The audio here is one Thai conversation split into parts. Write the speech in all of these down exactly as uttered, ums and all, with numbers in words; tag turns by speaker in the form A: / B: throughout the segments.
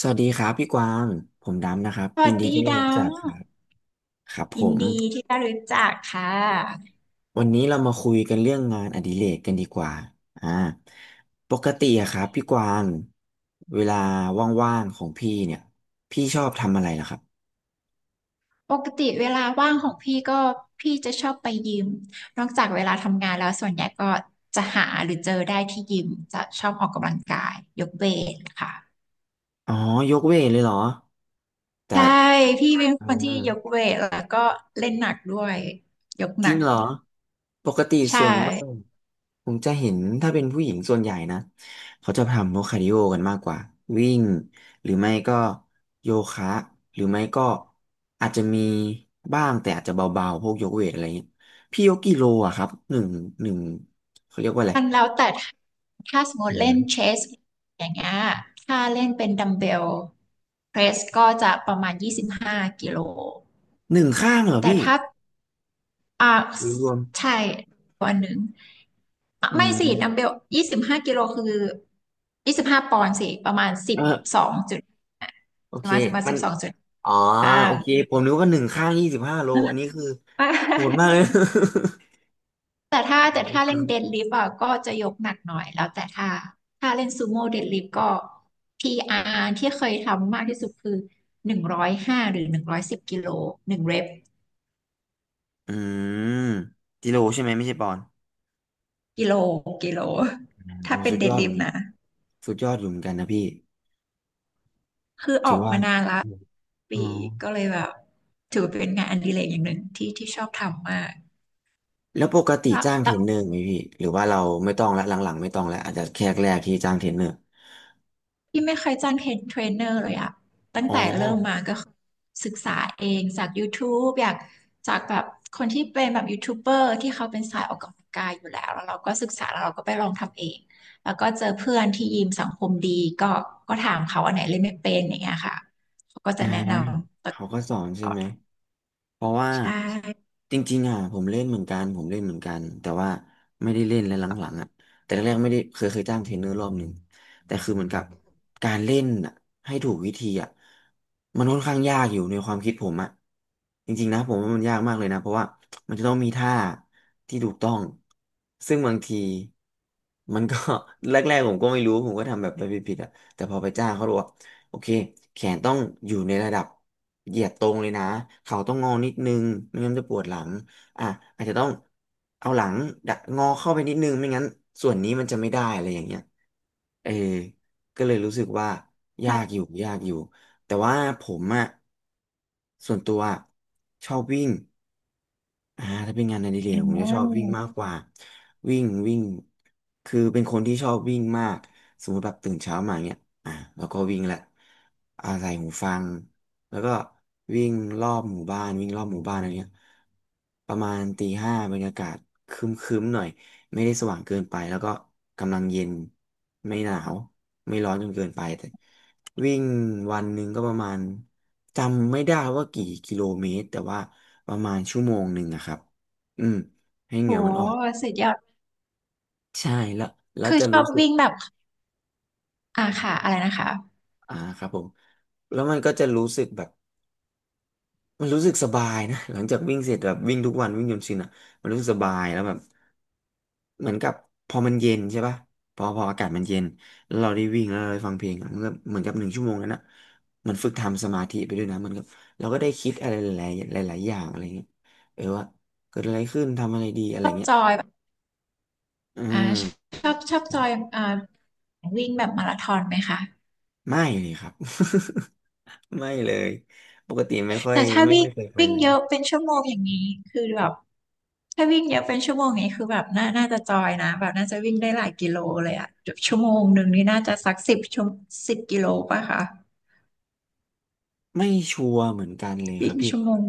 A: สวัสดีครับพี่กวาง ผมดำนะครับ
B: ส
A: ยิ
B: วั
A: น
B: ส
A: ดี
B: ดี
A: ที่ได้
B: ดั
A: รู้จั
B: ง
A: กครับครับผ
B: ยิน
A: ม
B: ดีที่ได้รู้จักค่ะ
A: วันนี้เรามาคุยกันเรื่องงานอดิเรกกันดีกว่าอ่าปกติอะครับพี่กวาง เวลาว่างๆของพี่เนี่ย พี่ชอบทำอะไรล่ะครับ
B: ปกติเวลาว่างของพี่ก็พี่จะชอบไปยิมนอกจากเวลาทำงานแล้วส่วนใหญ่ก็จะหาหรือเจอได้ที่ยิมจะชอบออกกำลังกายยกเวทค่ะ
A: อ๋อยกเวทเลยเหรอแต่
B: ใช่พี่เป็น
A: อ๋
B: ค
A: อ
B: นที่ยกเวทแล้วก็เล่นหนักด้วยยก
A: จ
B: หนั
A: ริง
B: ก
A: เหรอปกติ
B: ใช่
A: ส่วนมากผมจะเห็นถ้าเป็นผู้หญิงส่วนใหญ่นะเขาจะทำพวกคาร์ดิโอกันมากกว่าวิ่งหรือไม่ก็โยคะหรือไม่ก็อาจจะมีบ้างแต่อาจจะเบาๆพวกยกเวทอะไรเงี้ยพี่ยกกี่โลอะครับหนึ่งหนึ่งเขาเรียกว่าอะไร
B: มันแล้วแต่ถ้าสมม
A: ห
B: ติเล่น
A: นึ่ง
B: เชสอย่างเงี้ยถ้าเล่นเป็นดัมเบลเพรสก็จะประมาณยี่สิบากิโล
A: หนึ่งข้างเหรอ
B: แต่
A: พี่
B: ถ้า อ่า
A: หรือรวม
B: ใช่วันหนึ่งอ่ะ
A: อื
B: ไม่สิดัมเบ
A: ม
B: ลยี่สิบห้ากิโลคือยี่สิบห้าปอนด์สิประมาณสิ
A: เอ
B: บส
A: อ
B: องจุด
A: โอ
B: ป
A: เค
B: ระมาณสิบมา
A: มั
B: สิ
A: น
B: บสองจุด
A: อ๋อ
B: ห้า
A: โอ
B: ง
A: เคผมนึกว่าหนึ่งข้างยี่สิบห้าโลอันนี้คือ
B: ไม่
A: โหดมากเลย
B: แต่ถ้าแต่
A: โอ
B: ถ้า
A: เค
B: เล่นเดดลิฟต์อ่ะก็จะยกหนักหน่อยแล้วแต่ถ้าถ้าเล่นซูโม่เดดลิฟต์ก็พีอาร์ที่เคยทำมากที่สุดคือหนึ่งร้อยห้าหรือหนึ่งร้อยสิบกิโลหนึ่งเรป
A: อืมจิโร่ใช่ไหมไม่ใช่ปอน
B: กิโลกิโล
A: โอ้
B: ถ้าเป็น
A: สุด
B: เด
A: ย
B: ด
A: อดเห
B: ลิ
A: มื
B: ฟ
A: อน
B: ต์
A: กัน
B: นะ
A: สุดยอดอยู่เหมือนกันนะพี่
B: คืออ
A: ถื
B: อ
A: อ
B: ก
A: ว่า
B: มานานละ
A: อืมอ๋อ
B: ปีก็เลยแบบถือว่าเป็นงานอดิเรกอย่างหนึ่งที่ที่ชอบทำมาก
A: แล้วปกติ
B: แล้ว
A: จ้างเท
B: แล้
A: ร
B: ว
A: นเนอร์ไหมพี่ หรือว่าเราไม่ต้องละหลังๆไม่ต้องแล้วอาจจะแค่แรกที่จ้างเทรนเนอร์
B: ที่ไม่เคยจ้างเทรนเทรนเนอร์เลยอะตั้ง
A: อ๋อ
B: แต่เริ่มมาก็คือศึกษาเองจาก YouTube อยากจากแบบคนที่เป็นแบบยูทูบเบอร์ที่เขาเป็นสายออกกำลังกายอยู่แล้วแล้วเราก็ศึกษาแล้วเราก็ไปลองทำเองแล้วก็เจอเพื่อนที่ยิมสังคมดีก็ก็ถามเขาอันไหนเล่นไม่เป็นอย่างเงี้ยค่ะเขาก็
A: อ่า
B: จะแนะนำต
A: เขาก็สอนใช่
B: ่อ
A: ไหมเพราะว่า
B: ใช่
A: จริงๆอ่ะผมเล่นเหมือนกันผมเล่นเหมือนกันแต่ว่าไม่ได้เล่นแล้วหลังๆอ่ะแต่แรกๆไม่ได้เคยเคยจ้างเทรนเนอร์รอบหนึ่งแต่คือเหมือนกับการเล่นอ่ะให้ถูกวิธีอ่ะมันค่อนข้างยากอยู่ในความคิดผมอ่ะจริงๆนะผมว่ามันยากมากเลยนะเพราะว่ามันจะต้องมีท่าที่ถูกต้องซึ่งบางทีมันก็ แรกๆผมก็ไม่รู้ผมก็ทำแบบไปผิดๆอ่ะแต่พอไปจ้างเขาบอกว่า โอเคแขนต้องอยู่ในระดับเหยียดตรงเลยนะเข่าต้องงอนิดนึงไม่งั้นจะปวดหลังอ่ะอาจจะต้องเอาหลังดักงอเข้าไปนิดนึงไม่งั้นส่วนนี้มันจะไม่ได้อะไรอย่างเงี้ยเออก็เลยรู้สึกว่ายากอ
B: ใช
A: ยู่ยากอยู่แต่ว่าผมอะส่วนตัวอะชอบวิ่ง อ่าถ้าเป็นงานอดิเรกผมจะชอบวิ่งมาก
B: ่
A: กว่าวิ่งวิ่งคือเป็นคนที่ชอบวิ่งมากสมมติแบบตื่นเช้ามาเนี้ยอ่าแล้วก็วิ่งแหละอาใส่หูฟังแล้วก็วิ่งรอบหมู่บ้านวิ่งรอบหมู่บ้านอะไรเงี้ยประมาณตีห้าบรรยากาศครึ้มๆหน่อย ไม่ได้สว่างเกินไปแล้วก็กำลังเย็นไม่หนาวไม่ร้อนจนเกินไปแต่วิ่งวันหนึ่งก็ประมาณจำไม่ได้ว่ากี่กิโลเมตรแต่ว่าประมาณชั่วโมงหนึ่งอะครับอืมให้เห
B: โห
A: งื่อมันออก
B: สุดยอด
A: ใช่แล้วแล้ว
B: คือ
A: จะ
B: ชอ
A: รู้
B: บ
A: สึก
B: วิ่งแบบอ่าค่ะอะไรนะคะ
A: อ่าครับผมแล้วมันก็จะรู้สึกแบบ มันรู้สึกสบายนะหลังจากวิ่งเสร็จแบบวิ่งทุกวันวิ่งจนชินอ่ะมันรู้สึกสบายแล้วแบบเหมือนกับพอมันเย็นใช่ปะพอพออากาศมันเย็นแล้วเราได้วิ่งแล้วเราได้ฟังเพลงอะมันก็เหมือนกับหนึ่งชั่วโมงนั้นอ่ะมันฝึกทำสมาธิไปด้วยนะมันก็เราก็ได้คิดอะไรหลายๆหลายๆอย่างอะไรเงี้ยเออว่าเกิดอะไรขึ้นทำอะไรดีอะไร
B: ชอบ
A: เงี้
B: จ
A: ย
B: อยแบบ
A: อื
B: อ่า
A: ม
B: ชอบชอบจอยอ่าวิ่งแบบมาราธอนไหมคะ
A: ไม่เลยครับ ไม่เลยปกติไม่ค่อย
B: แต่ถ้า
A: ไม่
B: วิ่ง
A: ไม่เคยไป
B: วิ่ง
A: เล
B: เย
A: ย
B: อะเป็นชั่วโมงอย่างนี้คือแบบถ้าวิ่งเยอะเป็นชั่วโมงอย่างนี้คือแบบน่าน่าจะจอยนะแบบน่าจะวิ่งได้หลายกิโลเลยอะแบบชั่วโมงหนึ่งนี่น่าจะสักสิบชั่วสิบกิโลป่ะคะ
A: ไม่ชัวร์เหมือนกันเลยครั
B: วิ่
A: บ
B: ง
A: พี่
B: ชั่วโมง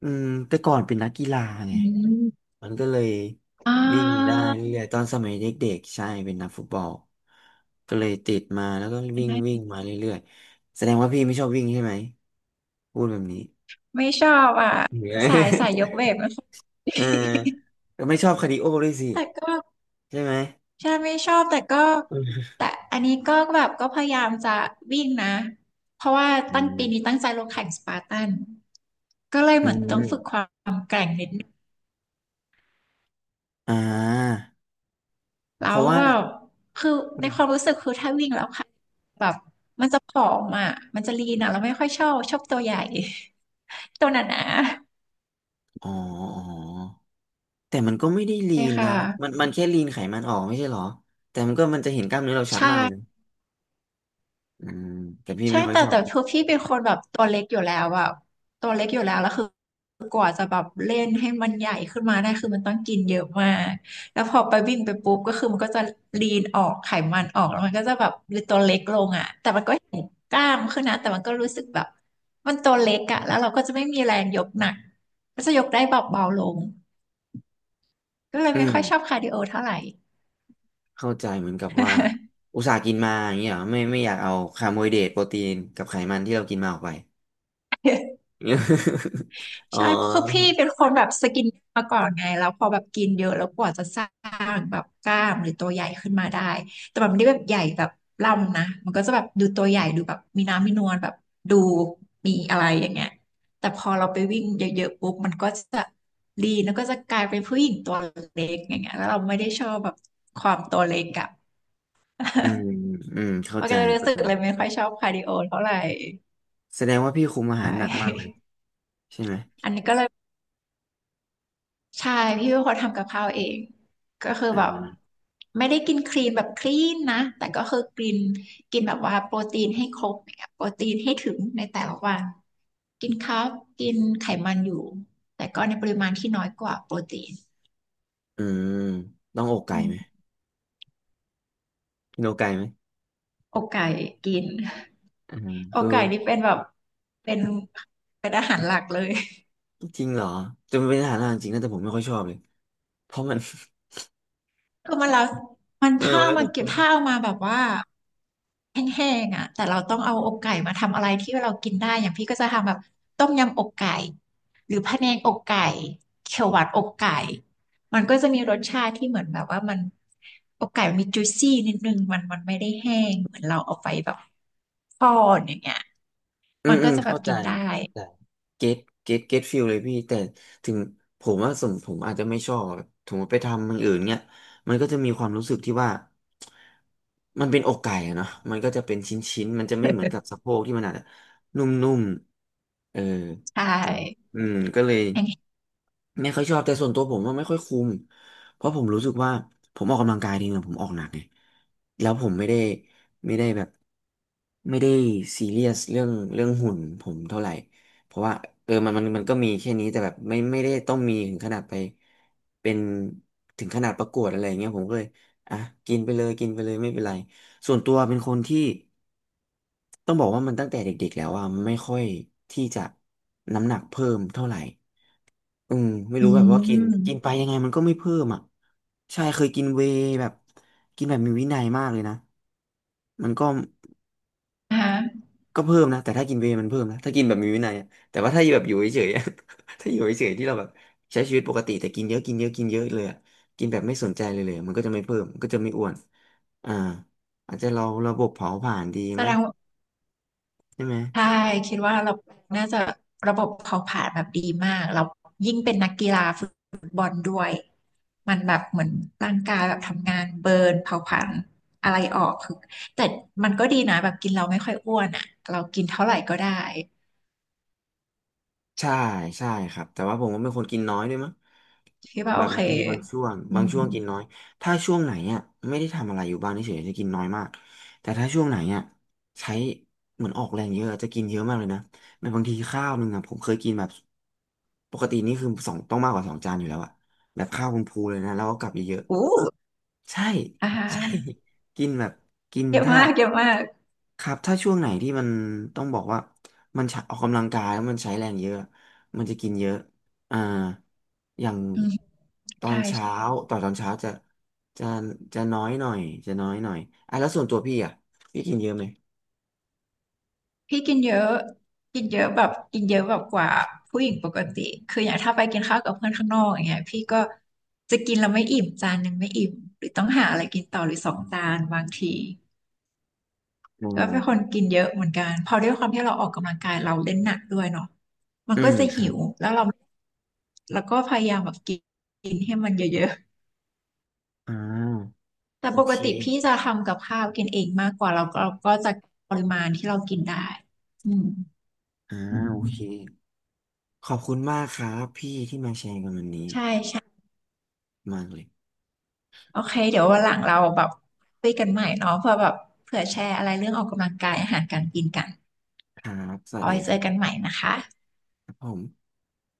A: อืมแต่ก่อนเป็นนักกีฬาไง
B: อืม
A: มันก็เลย
B: อ่
A: วิ่งได้
B: า
A: เรื่อยๆตอนสมัยเด็กๆใช่เป็นนักฟุตบอลก็เลยติดมาแล้วก็วิ่งวิ่งมาเรื่อยๆแสดงว่าพี่ไม่ชอบวิ่งใช่ไหมพูดแบบนี้
B: ไม่ชอบอ่ะ
A: เหนื่อย
B: สายสายยกเวทไม่ค่อย
A: เออ ก็ไม่ชอบคาร์ดิโอด้วยสิ
B: แต่ก็
A: ใช่ไหม
B: ใช่ไม่ชอบแต่ก็
A: อืม
B: แต่อันนี้ก็แบบก็พยายามจะวิ่งนะเพราะว่า
A: อื
B: ตั้ง
A: ม
B: ปีนี้ตั้งใจลงแข่งสปาร์ตันก็เลย
A: อื
B: เหมือนต้องฝึกค
A: ม
B: วามแกร่งนิดนึง
A: อ่า
B: แล้
A: เพ
B: ว
A: ราะว่า
B: แบบคือ
A: อ
B: ใน
A: ม
B: ความรู้สึกคือถ้าวิ่งแล้วค่ะแบบมันจะผอมอ่ะมันจะลีนอ่ะเราไม่ค่อยชอบชอบตัวใหญ่ ตัวหนา
A: อ๋ออ๋อ แต่มันก็ไม่ได้
B: ๆ
A: ลี
B: เลย
A: น
B: ค่ะ
A: นะมันมันแค่ลีนไขมันออกไม่ใช่เหรอแต่มันก็มันจะเห็นกล้ามเนื้อเราชัด
B: ใช่
A: มากเลยนะอืมแต่พี่
B: ใช่
A: ไม่ค่อย
B: แต่
A: ชอบ
B: แต่คือพี่เป็นคนแบบตัวเล็กอยู่แล้วอะตัวเล็กอยู่แล้วแล้วคือกว่าจะแบบเล่นให้มันใหญ่ขึ้นมาได้คือมันต้องกินเยอะมากแล้วพอไปวิ่งไปปุ๊บก็คือมันก็จะลีนออกไขมันออกแล้วมันก็จะแบบหรือตัวเล็กลงอะแต่มันก็เห็นกล้ามขึ้นนะแต่มันก็รู้สึกแบบมันตัวเล็กอะแล้วเราก็จะไม่มีแรงยกหนักก็จะยกได้แบบเบาลงก็เลย
A: อื
B: ไม่
A: ม
B: ค่อยชอบคาร์ดิโอเท่าไหร่
A: เข้าใจเหมือนกับว่าอุตส่าห์กินมาอย่างเงี้ยเหรอไม่ไม่อยากเอาคาร์โบไฮเดรตโปรตีนกับไขมันที่เรากินมาออกไป อ๋อ
B: ใช่เพราะคือพี่เป็นคนแบบสกินมาก่อนไงแล้วพอแบบกินเยอะแล้วกว่าจะสร้างแบบกล้ามหรือตัวใหญ่ขึ้นมาได้แต่มันไม่ได้แบบใหญ่แบบล่ำนะมันก็จะแบบดูตัวใหญ่ดูแบบมีน้ำมีนวลแบบดูมีอะไรอย่างเงี้ยแต่พอเราไปวิ่งเยอะๆปุ๊บมันก็จะลีนแล้วก็จะกลายเป็นผู้หญิงตัวเล็กอย่างเงี้ยแล้วเราไม่ได้ชอบแบบความตัวเล็กอะ
A: อืมอืม เข้า
B: มัน
A: ใจ
B: ก็เลยรู้
A: เข้า
B: สึก
A: ใจ
B: เลยไม่ค่อยชอบคาร์ดิโอเท่าไหร่
A: แสดงว่าพี่คุมอา
B: ใช
A: หารหนักมากเลย
B: ่
A: ใช่ไหม
B: อันนี้ก็เลย ใช่พี่เป็นคนทำกับข้าวเองก็คือแบบ
A: อ่า
B: ไม่ได้กินคลีนแบบคลีนนะแต่ก็คือกินกินแบบว่าโปรตีนให้ครบอย่างเนียโปรตีนให้ถึงในแต่ละวันกินคาร์บกินไขมันอยู่แต่ก็ในปริมาณที่น้อยกว่าโปรตีน
A: อืมต้องอกไก่
B: อื
A: ไหม
B: ม
A: กินอกไก่ไหม
B: อกไก่กิน
A: อ่า
B: อก
A: คือ
B: ไก่นี่เป็นแบบเป็นเป็นอาหารหลักเลย
A: จริงเหรอจะมันเป็นอาหารหลักจริงนะแต่ผมไม่ค่อยชอบเลยเพราะมัน
B: คือมันแล้วมัน
A: เออ
B: ถ้า
A: มันแล้ว
B: มั
A: แต่
B: น
A: ค
B: เก็บ
A: น
B: ถ้าเอามาแบบว่าแห้งๆอ่ะแต่เราต้องเอาอกไก่มาทำอะไรที่เรากินได้ อย่างพี่ก็จะทำแบบต้มยำอกไก่ หรือพะแนงอกไก่เขียวหวานอกไก่ มันก็จะมีรสชาติที่เหมือนแบบว่ามันอกไก่มันมีจุยซี่นิดนึงมันมันไม่ได้แห้งเหมือนเราเอาไปแบบทอดอย่างเงี้ย
A: อื
B: มั
A: ม
B: น
A: อื
B: ก็
A: ม
B: จะแบบ
A: เข้าใจ
B: กินได้
A: เข้าใจเก็ตเก็ตเก็ตฟิลเลยพี่แต่ถึงผมว่าสมผมอาจจะไม่ชอบถึงไปทำมันอื่นเนี้ยมันก็จะมีความรู้สึกที่ว่ามันเป็นอกไก่อะเนาะมันก็จะเป็นชิ้นชิ้นมันจะไม่เหมือนกับสะโพกที่มันอาจจะนุ่มๆเออ
B: ใช
A: เหมือน
B: ่
A: อืมก็เลย
B: แห้ง
A: ไม่ค่อยชอบแต่ส่วนตัวผมว่าไม่ค่อยคุ้ม เพราะผมรู้สึกว่าผมออกกำลังกายดีนะผมออกหนักไงแล้วผมไม่ได้ไม่ได้แบบไม่ได้ซีเรียสเรื่องเรื่องหุ่นผมเท่าไหร่เพราะว่าเออมันมันมันก็มีแค่นี้แต่แบบไม่ไม่ได้ต้องมีถึงขนาดไปเป็นถึงขนาดประกวดอะไรอย่างเงี้ยผมก็เลยอ่ะกินไปเลยกินไปเลยไม่เป็นไรส่วนตัวเป็นคนที่ต้องบอกว่ามันตั้งแต่เด็กๆแล้วอ่ะไม่ค่อยที่จะน้ำหนักเพิ่มเท่าไหร่ อืมไม่
B: ๆอื
A: รู้แบบว่ากินกินไป
B: ม
A: ยังไงมันก็ไม่เพิ่มอ่ะใช่เคยกินเวย์แบบกินแบบมีวินัยมากเลยนะมันก็
B: นะคะ
A: ก็เพิ่มนะแต่ถ้ากินเวย์มันเพิ่มนะถ้ากินแบบมีวินัยอะแต่ว่าถ้าแบบอยู่เฉยๆอะ ถ้าอยู่เฉยๆที่เราแบบใช้ชีวิตปกติแต่กินเยอะกินเยอะกินเยอะเลยอะกินแบบไม่สนใจเลยเลยอะมันก็จะไม่เพิ่มมันก็จะไม่อ้วนอ่าอาจจะเราระบบเผาผลาญดี
B: แสด
A: มั้ง
B: งว่า
A: ใช่ไหม
B: ใช่คิดว่าเราน่าจะระบบเขาผ่านแบบดีมากเรายิ่งเป็นนักกีฬาฟุตบอลด้วย มันแบบเหมือนร่างกายแบบทำงานเบิร์นเผาผลาญอะไรออกคือแต่มันก็ดีนะแบบกินเราไม่ค่อยอ้วนอ่ะเรากินเท่าไหร่ก็ได้
A: ใช่ใช่ครับแต่ว่าผมก็เป็นคนกินน้อยด้วยมั้ง
B: คิดว่า
A: แบ
B: โอ
A: บ
B: เค
A: มันจะมีบางช่วง
B: อื
A: บาง
B: ม
A: ช่วงกินน้อยถ้าช่วงไหนอ่ะไม่ได้ทำอะไรอยู่บ้านเฉยๆจะกินน้อยมากแต่ถ้าช่วงไหนอ่ะใช้เหมือนออกแรงเยอะจะกินเยอะมากเลยนะแบบบางทีข้าวหนึ่งอ่ะผมเคยกินแบบปกตินี่คือสองต้องมากกว่าสองจานอยู่แล้วอ่ะแบบข้าวคุณพูเลยนะแล้วก็กลับเยอะ
B: อู้
A: ๆใช่
B: อ่าฮะ
A: ใช่ กินแบบกิน
B: เยอะ
A: ถ้า
B: มากเยอะมาก
A: ครับถ้าช่วงไหนที่มันต้องบอกว่ามันใช้ออกกำลังกายแล้วมันใช้แรงเยอะมันจะกินเยอะอ่าอย่าง
B: อืม
A: ตอ
B: ใช่
A: นเช้าต่อตอนเช้าจะจะจะน้อยหน่อยจะน้อยหน่อยอ่ะแล้วส่วนตัวพี่อ่ะพี่กินเยอะไหม
B: พี่กินเยอะกินเยอะแบบกินเยอะแบบกว่าผู้หญิงปกติ คืออย่างถ้าไปกินข้าวกับเพื่อนข้างนอกอย่างเงี้ยพี่ก็จะกินแล้วไม่อิ่มจานหนึ่งไม่อิ่มหรือต้องหาอะไรกินต่อหรือสองจานบางที
A: อื
B: ก็เป็นคน
A: ม
B: กินเยอะเหมือนกันพอด้วยความที่เราออกกำลังกายเราเล่นหนักด้วยเนาะมัน
A: อื
B: ก็
A: ม
B: จะ
A: ค
B: หิ
A: รับ
B: วแล้วเราแล้วก็พยายามแบบกินกินให้มันเยอะ
A: อ่า
B: ๆแต่
A: โอ
B: ปก
A: เค
B: ติพี่จะทำกับข้าวกินเองมากกว่าเราก็เราก็จะปริมาณที่เรากินได้อืม
A: อ่าโอเคขอบคุณมากครับพี่ที่มาแชร์กันวันนี้
B: ใช่
A: มากเลย
B: โอเคเดี๋ยววันหลังเราแบบคุยกันใหม่เนาะเพื่อแบบเผื่อแชร์อะไรเรื่องออกกำลังกายอาหารการกินกัน
A: ครับสวัส
B: เอา
A: ดี
B: ไว้
A: ค
B: เจอ
A: รั
B: กัน
A: บ
B: ใหม่นะคะ
A: ครับผม